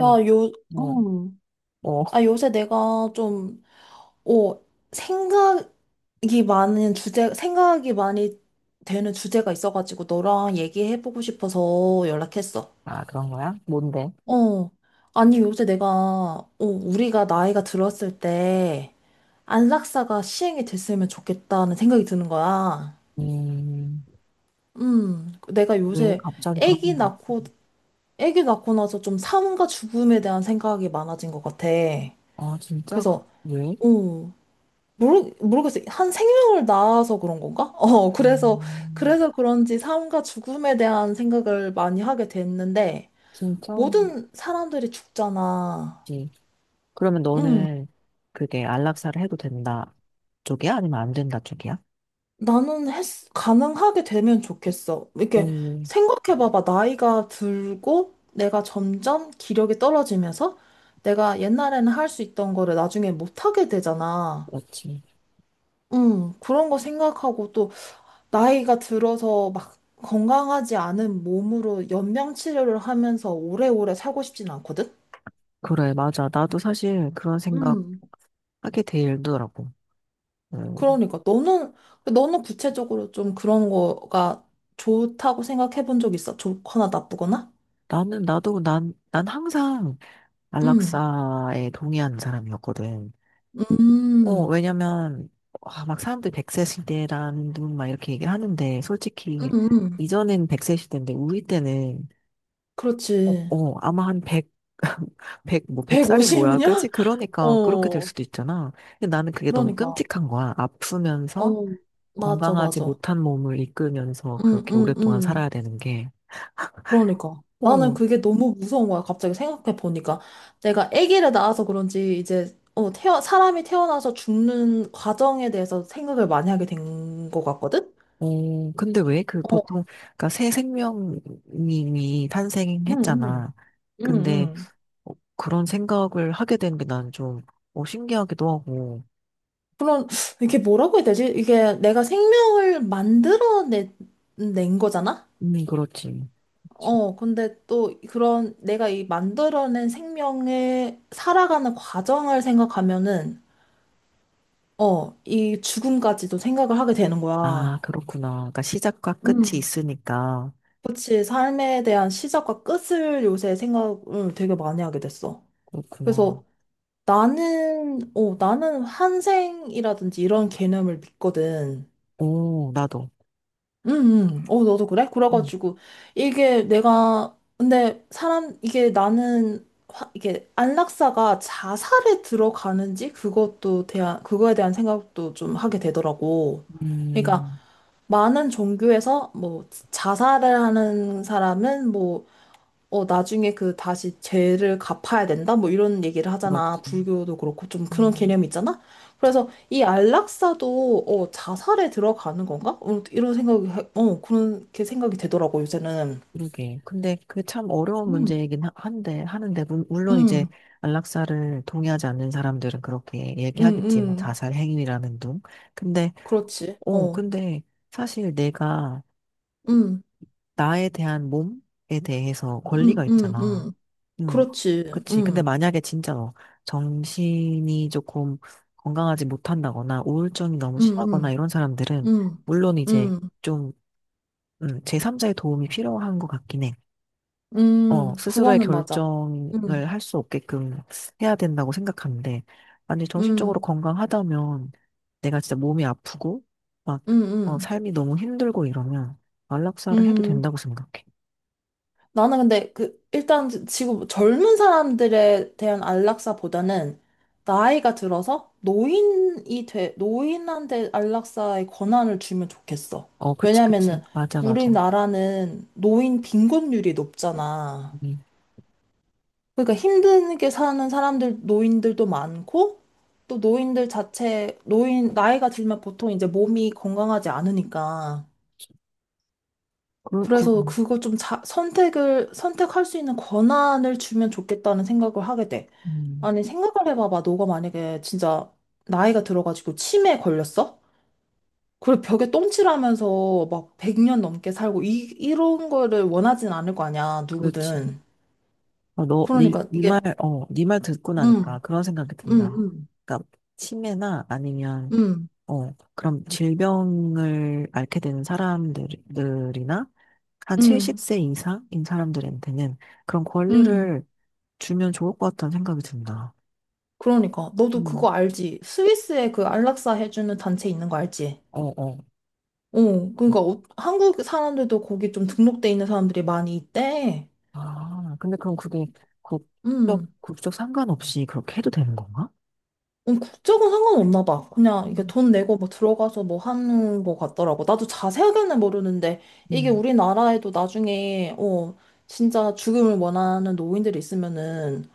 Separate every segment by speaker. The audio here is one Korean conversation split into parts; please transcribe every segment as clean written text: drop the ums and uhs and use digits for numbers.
Speaker 1: 야, 요,
Speaker 2: 뭐,
Speaker 1: 음. 아, 요새 내가 좀, 어, 생각이 생각이 많이 되는 주제가 있어가지고 너랑 얘기해보고 싶어서 연락했어.
Speaker 2: 아, 그런 거야? 뭔데?
Speaker 1: 어. 아니, 요새 내가, 우리가 나이가 들었을 때 안락사가 시행이 됐으면 좋겠다는 생각이 드는 거야.
Speaker 2: 음,
Speaker 1: 내가
Speaker 2: 왜
Speaker 1: 요새
Speaker 2: 갑자기 그런
Speaker 1: 아기
Speaker 2: 거?
Speaker 1: 낳고, 아기 낳고 나서 좀 삶과 죽음에 대한 생각이 많아진 것 같아.
Speaker 2: 아, 진짜?
Speaker 1: 그래서,
Speaker 2: 왜?
Speaker 1: 어. 모르겠어요. 한 생명을 낳아서 그런 건가? 그래서,
Speaker 2: 음,
Speaker 1: 그래서 그런지 삶과 죽음에 대한 생각을 많이 하게 됐는데,
Speaker 2: 진짜지.
Speaker 1: 모든 사람들이 죽잖아.
Speaker 2: 그러면
Speaker 1: 응,
Speaker 2: 너는 그게 안락사를 해도 된다 쪽이야? 아니면 안 된다 쪽이야?
Speaker 1: 나는 했, 가능하게 되면 좋겠어. 이렇게
Speaker 2: 음,
Speaker 1: 생각해봐봐. 나이가 들고, 내가 점점 기력이 떨어지면서, 내가 옛날에는 할 수 있던 거를 나중에 못하게 되잖아.
Speaker 2: 그렇지.
Speaker 1: 응, 그런 거 생각하고 또, 나이가 들어서 막 건강하지 않은 몸으로 연명 치료를 하면서 오래오래 살고 싶진 않거든?
Speaker 2: 그래, 맞아. 나도 사실 그런 생각
Speaker 1: 음.
Speaker 2: 하게 되더라고. 음,
Speaker 1: 그러니까 너는 구체적으로 좀 그런 거가 좋다고 생각해 본 적 있어? 좋거나 나쁘거나?
Speaker 2: 난 항상
Speaker 1: 음.
Speaker 2: 안락사에 동의하는 사람이었거든.
Speaker 1: 음.
Speaker 2: 왜냐면, 아, 막 사람들 100세 시대라는 둥막 이렇게 얘기를 하는데,
Speaker 1: 음.
Speaker 2: 솔직히,
Speaker 1: 음.
Speaker 2: 이전엔 100세 시대인데, 우리 때는,
Speaker 1: 그렇지.
Speaker 2: 아마 한 100, 뭐, 백 살이 뭐야, 그지?
Speaker 1: 150년?
Speaker 2: 그러니까, 그렇게 될
Speaker 1: 어.
Speaker 2: 수도 있잖아. 근데 나는 그게 너무
Speaker 1: 그러니까.
Speaker 2: 끔찍한 거야. 아프면서,
Speaker 1: 어. 맞아,
Speaker 2: 건강하지
Speaker 1: 맞아.
Speaker 2: 못한 몸을 이끌면서
Speaker 1: 음,
Speaker 2: 그렇게
Speaker 1: 음,
Speaker 2: 오랫동안
Speaker 1: 음.
Speaker 2: 살아야 되는 게.
Speaker 1: 그러니까. 나는
Speaker 2: 어,
Speaker 1: 그게 너무 무서운 거야. 갑자기 생각해 보니까. 내가 아기를 낳아서 그런지 이제, 사람이 태어나서 죽는 과정에 대해서 생각을 많이 하게 된 것 같거든?
Speaker 2: 근데 왜? 그
Speaker 1: 어,
Speaker 2: 보통, 그니까 새 생명이
Speaker 1: 응, 응,
Speaker 2: 탄생했잖아.
Speaker 1: 응,
Speaker 2: 근데,
Speaker 1: 응.
Speaker 2: 그런 생각을 하게 되는 게 난 좀, 신기하기도 하고.
Speaker 1: 그런, 이게 뭐라고 해야 되지? 이게 내가 생명을 만들어낸 낸 거잖아?
Speaker 2: 그렇지. 그렇지.
Speaker 1: 근데 또 그런 내가 이 만들어낸 생명의 살아가는 과정을 생각하면은, 이 죽음까지도 생각을 하게 되는
Speaker 2: 아,
Speaker 1: 거야.
Speaker 2: 그렇구나. 그러니까 시작과 끝이
Speaker 1: 음.
Speaker 2: 있으니까.
Speaker 1: 그치, 삶에 대한 시작과 끝을 요새 생각을 되게 많이 하게 됐어.
Speaker 2: 그렇구나.
Speaker 1: 그래서 나는, 나는 환생이라든지 이런 개념을 믿거든.
Speaker 2: 오, 나도.
Speaker 1: 응, 응. 어, 너도 그래?
Speaker 2: 음,
Speaker 1: 그래가지고, 이게 내가, 근데 사람, 이게 나는, 화- 이게 안락사가 자살에 들어가는지 그거에 대한 생각도 좀 하게 되더라고. 그러니까
Speaker 2: 음,
Speaker 1: 많은 종교에서 뭐 자살을 하는 사람은 뭐 나중에 그 다시 죄를 갚아야 된다? 뭐 이런 얘기를 하잖아.
Speaker 2: 그렇지.
Speaker 1: 불교도 그렇고 좀 그런
Speaker 2: 음,
Speaker 1: 개념이 있잖아? 그래서 이 안락사도 자살에 들어가는 건가? 이런 생각이, 그렇게 생각이 되더라고, 요새는.
Speaker 2: 그러게. 근데 그 참 어려운
Speaker 1: 음.
Speaker 2: 문제이긴 하는데, 물론 이제
Speaker 1: 응,
Speaker 2: 안락사를 동의하지 않는 사람들은 그렇게
Speaker 1: 응,
Speaker 2: 얘기하겠지. 뭐,
Speaker 1: 응.
Speaker 2: 자살 행위라는 둥. 근데,
Speaker 1: 그렇지.
Speaker 2: 어,
Speaker 1: 어,
Speaker 2: 근데 사실 내가
Speaker 1: 응,
Speaker 2: 나에 대한 몸에 대해서
Speaker 1: 응,
Speaker 2: 권리가
Speaker 1: 응,
Speaker 2: 있잖아.
Speaker 1: 응.
Speaker 2: 응,
Speaker 1: 그렇지.
Speaker 2: 그치. 근데
Speaker 1: 응,
Speaker 2: 만약에 진짜 너 정신이 조금 건강하지 못한다거나 우울증이 너무
Speaker 1: 응,
Speaker 2: 심하거나
Speaker 1: 응,
Speaker 2: 이런 사람들은
Speaker 1: 응,
Speaker 2: 물론 이제
Speaker 1: 응,
Speaker 2: 좀 제3자의 도움이 필요한 것 같긴 해.
Speaker 1: 응.
Speaker 2: 스스로의
Speaker 1: 그거는 맞아.
Speaker 2: 결정을
Speaker 1: 응,
Speaker 2: 할 수 없게끔 해야 된다고 생각하는데, 아니, 정신적으로
Speaker 1: 응,
Speaker 2: 건강하다면 내가 진짜 몸이 아프고 막
Speaker 1: 응, 응.
Speaker 2: 삶이 너무 힘들고 이러면 안락사를 해도
Speaker 1: 응.
Speaker 2: 된다고 생각해.
Speaker 1: 나는 근데 그 일단 지금 젊은 사람들에 대한 안락사보다는 나이가 들어서 노인이 돼 노인한테 안락사의 권한을 주면 좋겠어.
Speaker 2: 그치, 그치.
Speaker 1: 왜냐면은
Speaker 2: 맞아, 맞아.
Speaker 1: 우리나라는 노인 빈곤율이 높잖아.
Speaker 2: 음,
Speaker 1: 그러니까 힘들게 사는 사람들 노인들도 많고 또 노인 나이가 들면 보통 이제 몸이 건강하지 않으니까
Speaker 2: 그, 그,
Speaker 1: 그래서 그거 좀 선택할 수 있는 권한을 주면 좋겠다는 생각을 하게 돼.
Speaker 2: 음,
Speaker 1: 아니, 생각을 해봐봐. 너가 만약에 진짜 나이가 들어가지고 치매에 걸렸어? 그리고 벽에 똥칠하면서 막 100년 넘게 살고, 이런 거를 원하진 않을 거 아니야,
Speaker 2: 그렇지.
Speaker 1: 누구든.
Speaker 2: 어, 너, 니,
Speaker 1: 그러니까
Speaker 2: 니 말,
Speaker 1: 이게,
Speaker 2: 어, 니 말 듣고
Speaker 1: 음,
Speaker 2: 나니까 그런 생각이
Speaker 1: 음,
Speaker 2: 든다.
Speaker 1: 음,
Speaker 2: 그러니까, 치매나 아니면,
Speaker 1: 음,
Speaker 2: 그럼 질병을 앓게 되는 사람들이나, 한
Speaker 1: 음,
Speaker 2: 70세 이상인 사람들한테는 그런
Speaker 1: 음.
Speaker 2: 권리를 주면 좋을 것 같다는 생각이 든다.
Speaker 1: 그러니까. 너도
Speaker 2: 음,
Speaker 1: 그거 알지? 스위스에 그 안락사 해주는 단체 있는 거 알지?
Speaker 2: 어, 어.
Speaker 1: 그러니까 한국 사람들도 거기 좀 등록돼 있는 사람들이 많이 있대.
Speaker 2: 아, 근데 그럼 그게 국적,
Speaker 1: 음.
Speaker 2: 국적 상관없이 그렇게 해도 되는 건가?
Speaker 1: 국적은 상관없나 봐. 그냥 이게
Speaker 2: 음.
Speaker 1: 돈 내고 뭐 들어가서 뭐 하는 거 같더라고. 나도 자세하게는 모르는데 이게
Speaker 2: 음.
Speaker 1: 우리나라에도 나중에 진짜 죽음을 원하는 노인들이 있으면은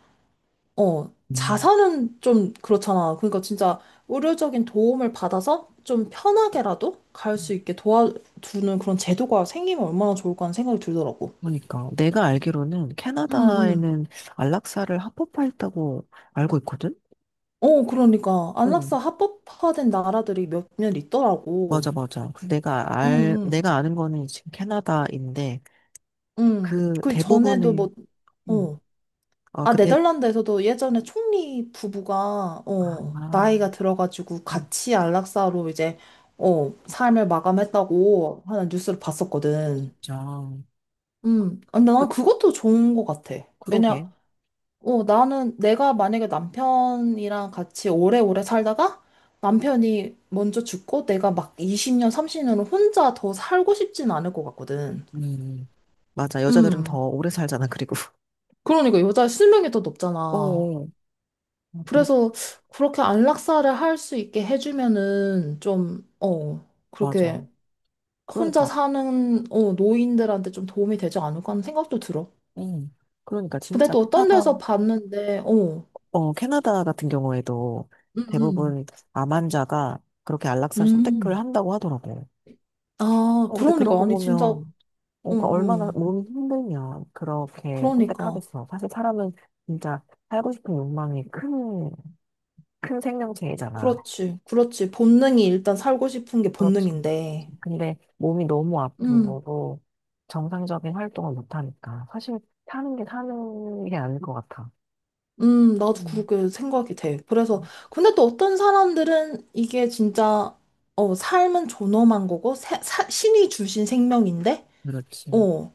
Speaker 2: 음.
Speaker 1: 자살은 좀 그렇잖아. 그러니까 진짜 의료적인 도움을 받아서 좀 편하게라도 갈 수 있게 도와주는 그런 제도가 생기면 얼마나 좋을까 하는 생각이 들더라고.
Speaker 2: 그러니까 내가 알기로는
Speaker 1: 응, 응.
Speaker 2: 캐나다에는 안락사를 합법화했다고 알고 있거든?
Speaker 1: 그러니까
Speaker 2: 응.
Speaker 1: 안락사 합법화된 나라들이 몇몇 있더라고.
Speaker 2: 맞아, 맞아. 그 내가
Speaker 1: 응,
Speaker 2: 알,
Speaker 1: 응,
Speaker 2: 내가 아는 거는 지금 캐나다인데
Speaker 1: 응.
Speaker 2: 그
Speaker 1: 그 전에도
Speaker 2: 대부분의
Speaker 1: 뭐,
Speaker 2: 음,
Speaker 1: 어.
Speaker 2: 어,
Speaker 1: 아,
Speaker 2: 그 대,
Speaker 1: 네덜란드에서도 예전에 총리 부부가,
Speaker 2: 아,
Speaker 1: 나이가 들어가지고 같이 안락사로 이제, 삶을 마감했다고 하는 뉴스를 봤었거든.
Speaker 2: 진짜.
Speaker 1: 근데
Speaker 2: 그-
Speaker 1: 난 그것도 좋은 것 같아. 왜냐,
Speaker 2: 그러게.
Speaker 1: 나는 내가 만약에 남편이랑 같이 오래오래 살다가 남편이 먼저 죽고 내가 막 20년, 30년을 혼자 더 살고 싶진 않을 것 같거든.
Speaker 2: 음. 맞아. 여자들은 더
Speaker 1: 음.
Speaker 2: 오래 살잖아, 그리고.
Speaker 1: 그러니까 여자의 수명이 더
Speaker 2: 어,
Speaker 1: 높잖아.
Speaker 2: 어. 아,
Speaker 1: 그래서 그렇게 안락사를 할 수 있게 해주면은 좀,
Speaker 2: 맞아.
Speaker 1: 그렇게 혼자
Speaker 2: 그러니까.
Speaker 1: 사는, 노인들한테 좀 도움이 되지 않을까 하는 생각도 들어.
Speaker 2: 응. 그러니까
Speaker 1: 근데
Speaker 2: 진짜
Speaker 1: 또 어떤
Speaker 2: 캐나다
Speaker 1: 데서 봤는데, 어,
Speaker 2: 어, 캐나다 같은 경우에도
Speaker 1: 음,
Speaker 2: 대부분 암 환자가 그렇게 안락사를 선택을
Speaker 1: 음.
Speaker 2: 한다고 하더라고.
Speaker 1: 아,
Speaker 2: 근데 그런
Speaker 1: 그러니까.
Speaker 2: 거
Speaker 1: 아니, 진짜
Speaker 2: 보면,
Speaker 1: 응,
Speaker 2: 그 얼마나
Speaker 1: 응.
Speaker 2: 몸이 힘들면 그렇게
Speaker 1: 그러니까.
Speaker 2: 선택하겠어. 사실 사람은 진짜 살고 싶은 욕망이 큰 생명체이잖아.
Speaker 1: 그렇지. 그렇지. 본능이 일단 살고 싶은 게
Speaker 2: 그렇지.
Speaker 1: 본능인데.
Speaker 2: 근데 몸이 너무 아픈
Speaker 1: 음,
Speaker 2: 거고, 정상적인 활동을 못하니까. 사실 사는 게 사는 게 아닐 것 같아.
Speaker 1: 나도
Speaker 2: 음,
Speaker 1: 그렇게 생각이 돼. 그래서, 근데 또 어떤 사람들은 이게 진짜, 삶은 존엄한 거고, 신이 주신 생명인데,
Speaker 2: 그렇지.
Speaker 1: 어,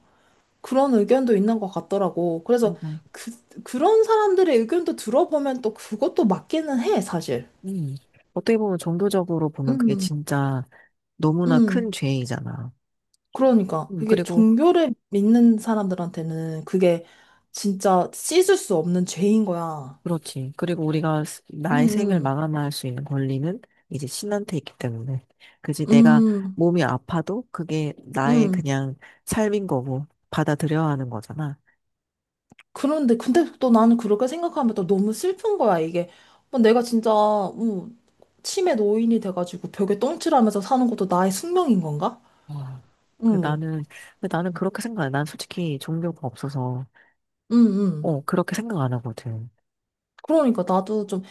Speaker 1: 그런 의견도 있는 것 같더라고. 그래서
Speaker 2: 맞아.
Speaker 1: 그, 그런 사람들의 의견도 들어보면 또 그것도 맞기는 해, 사실.
Speaker 2: 음. 어떻게 보면 정도적으로 보면 그게
Speaker 1: 음,
Speaker 2: 진짜 너무나
Speaker 1: 음.
Speaker 2: 큰 죄이잖아.
Speaker 1: 그러니까 그게
Speaker 2: 그리고,
Speaker 1: 종교를 믿는 사람들한테는 그게 진짜 씻을 수 없는 죄인 거야.
Speaker 2: 그렇지. 그리고 우리가
Speaker 1: 음,
Speaker 2: 나의 생을
Speaker 1: 음,
Speaker 2: 마감할 수 있는 권리는 이제 신한테 있기 때문에. 그지? 내가
Speaker 1: 음,
Speaker 2: 몸이 아파도 그게 나의
Speaker 1: 음.
Speaker 2: 그냥 삶인 거고 받아들여야 하는 거잖아.
Speaker 1: 그런데 근데 또 나는 그렇게 생각하면 또 너무 슬픈 거야 이게. 내가 진짜 음, 치매 노인이 돼가지고 벽에 똥칠하면서 사는 것도 나의 숙명인 건가?
Speaker 2: 와. 그
Speaker 1: 응응응.
Speaker 2: 나는, 근데 나는 그렇게 생각해. 난 솔직히 종교가 없어서, 그렇게 생각 안 하거든.
Speaker 1: 그러니까 나도 좀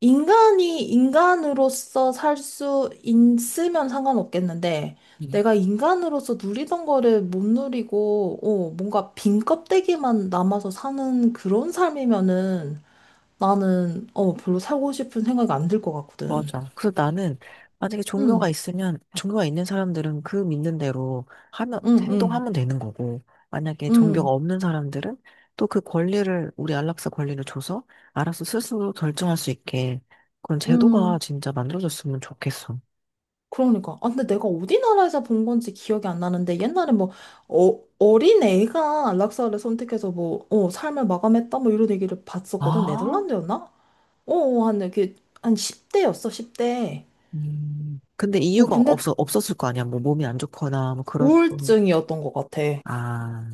Speaker 1: 인간이 인간으로서 살 수 있으면 상관없겠는데, 내가 인간으로서 누리던 거를 못 누리고, 뭔가 빈 껍데기만 남아서 사는 그런 삶이면은 나는, 별로 살고 싶은 생각이 안 들 것 같거든.
Speaker 2: 맞아. 그래서 나는 만약에
Speaker 1: 응,
Speaker 2: 종교가 있으면 종교가 있는 사람들은 그 믿는 대로 하면
Speaker 1: 응, 응,
Speaker 2: 행동하면 되는 거고 만약에 종교가
Speaker 1: 응,
Speaker 2: 없는 사람들은 또 그 권리를 우리 안락사 권리를 줘서 알아서 스스로 결정할 수 있게 그런 제도가
Speaker 1: 응.
Speaker 2: 진짜 만들어졌으면 좋겠어.
Speaker 1: 그러니까. 아, 근데 내가 어디 나라에서 본 건지 기억이 안 나는데, 옛날에 뭐, 어린 애가 락사를 선택해서 뭐, 삶을 마감했다, 뭐 이런 얘기를 봤었거든.
Speaker 2: 아,
Speaker 1: 네덜란드였나? 어, 어, 한 10대였어, 10대.
Speaker 2: 근데 이유가
Speaker 1: 근데
Speaker 2: 없어 없었을 거 아니야. 뭐 몸이 안 좋거나 뭐 그렇고.
Speaker 1: 우울증이었던 것 같아.
Speaker 2: 아,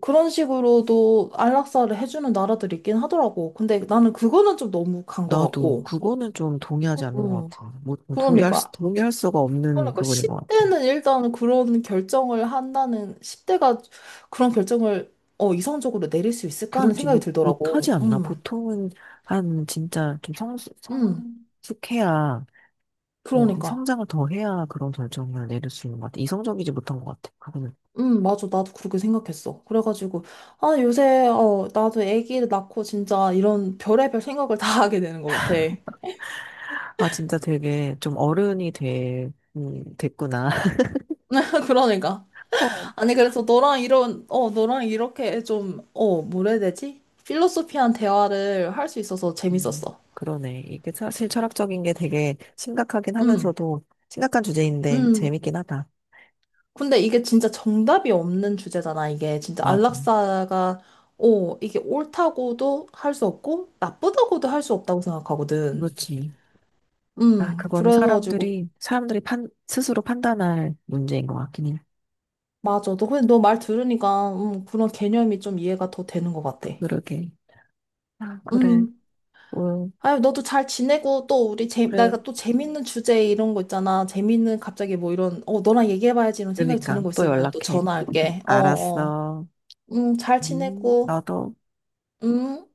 Speaker 1: 그런 식으로도 안락사를 해주는 나라들이 있긴 하더라고. 근데 나는 그거는 좀 너무 간 것
Speaker 2: 나도
Speaker 1: 같고.
Speaker 2: 그거는 좀 동의하지 않는 것
Speaker 1: 음
Speaker 2: 같아. 뭐 동의할 수
Speaker 1: 그러니까.
Speaker 2: 동의할 수가 없는
Speaker 1: 그러니까
Speaker 2: 부분인 것 같아.
Speaker 1: 10대는 일단 그런 결정을 한다는, 그런 결정을, 이성적으로 내릴 수 있을까 하는
Speaker 2: 그렇지
Speaker 1: 생각이
Speaker 2: 못, 못하지
Speaker 1: 들더라고.
Speaker 2: 않나? 보통은 한 진짜 좀 성,
Speaker 1: 음
Speaker 2: 성숙해야
Speaker 1: 그러니까.
Speaker 2: 성장을 더 해야 그런 결정을 내릴 수 있는 것 같아. 이성적이지 못한 것 같아. 그거는
Speaker 1: 응 맞아. 나도 그렇게 생각했어. 그래가지고, 아, 요새, 나도 아기를 낳고 진짜 이런 별의별 생각을 다 하게 되는 것 같아.
Speaker 2: 아 진짜 되게 좀 어른이 돼, 됐구나.
Speaker 1: 그러니까.
Speaker 2: 어,
Speaker 1: 아니, 그래서 너랑 이런, 어, 너랑 이렇게 좀, 뭐라 해야 되지? 필로소피한 대화를 할 수 있어서 재밌었어.
Speaker 2: 그러네. 이게 사실 철학적인 게 되게 심각하긴
Speaker 1: 음,
Speaker 2: 하면서도 심각한 주제인데
Speaker 1: 음.
Speaker 2: 재밌긴 하다.
Speaker 1: 근데 이게 진짜 정답이 없는 주제잖아, 이게. 진짜
Speaker 2: 맞아.
Speaker 1: 안락사가, 이게 옳다고도 할 수 없고, 나쁘다고도 할 수 없다고 생각하거든.
Speaker 2: 그렇지. 아, 그거는
Speaker 1: 그래가지고
Speaker 2: 사람들이 판 스스로 판단할 문제인 것 같긴 해.
Speaker 1: 맞아. 너 근데 너 말 들으니까 그런 개념이 좀 이해가 더 되는 것 같아.
Speaker 2: 그러게. 아, 그래.
Speaker 1: 음.
Speaker 2: 응,
Speaker 1: 아유, 너도 잘 지내고 또 우리 재
Speaker 2: 그래.
Speaker 1: 내가 또 재밌는 주제 이런 거 있잖아. 재밌는 갑자기 뭐 이런 어 너랑 얘기해봐야지 이런 생각이 드는
Speaker 2: 그러니까
Speaker 1: 거
Speaker 2: 또
Speaker 1: 있으면 또
Speaker 2: 연락해.
Speaker 1: 전화할게. 어 어.
Speaker 2: 알았어.
Speaker 1: 잘
Speaker 2: 음.
Speaker 1: 지내고.
Speaker 2: 너도.
Speaker 1: 음.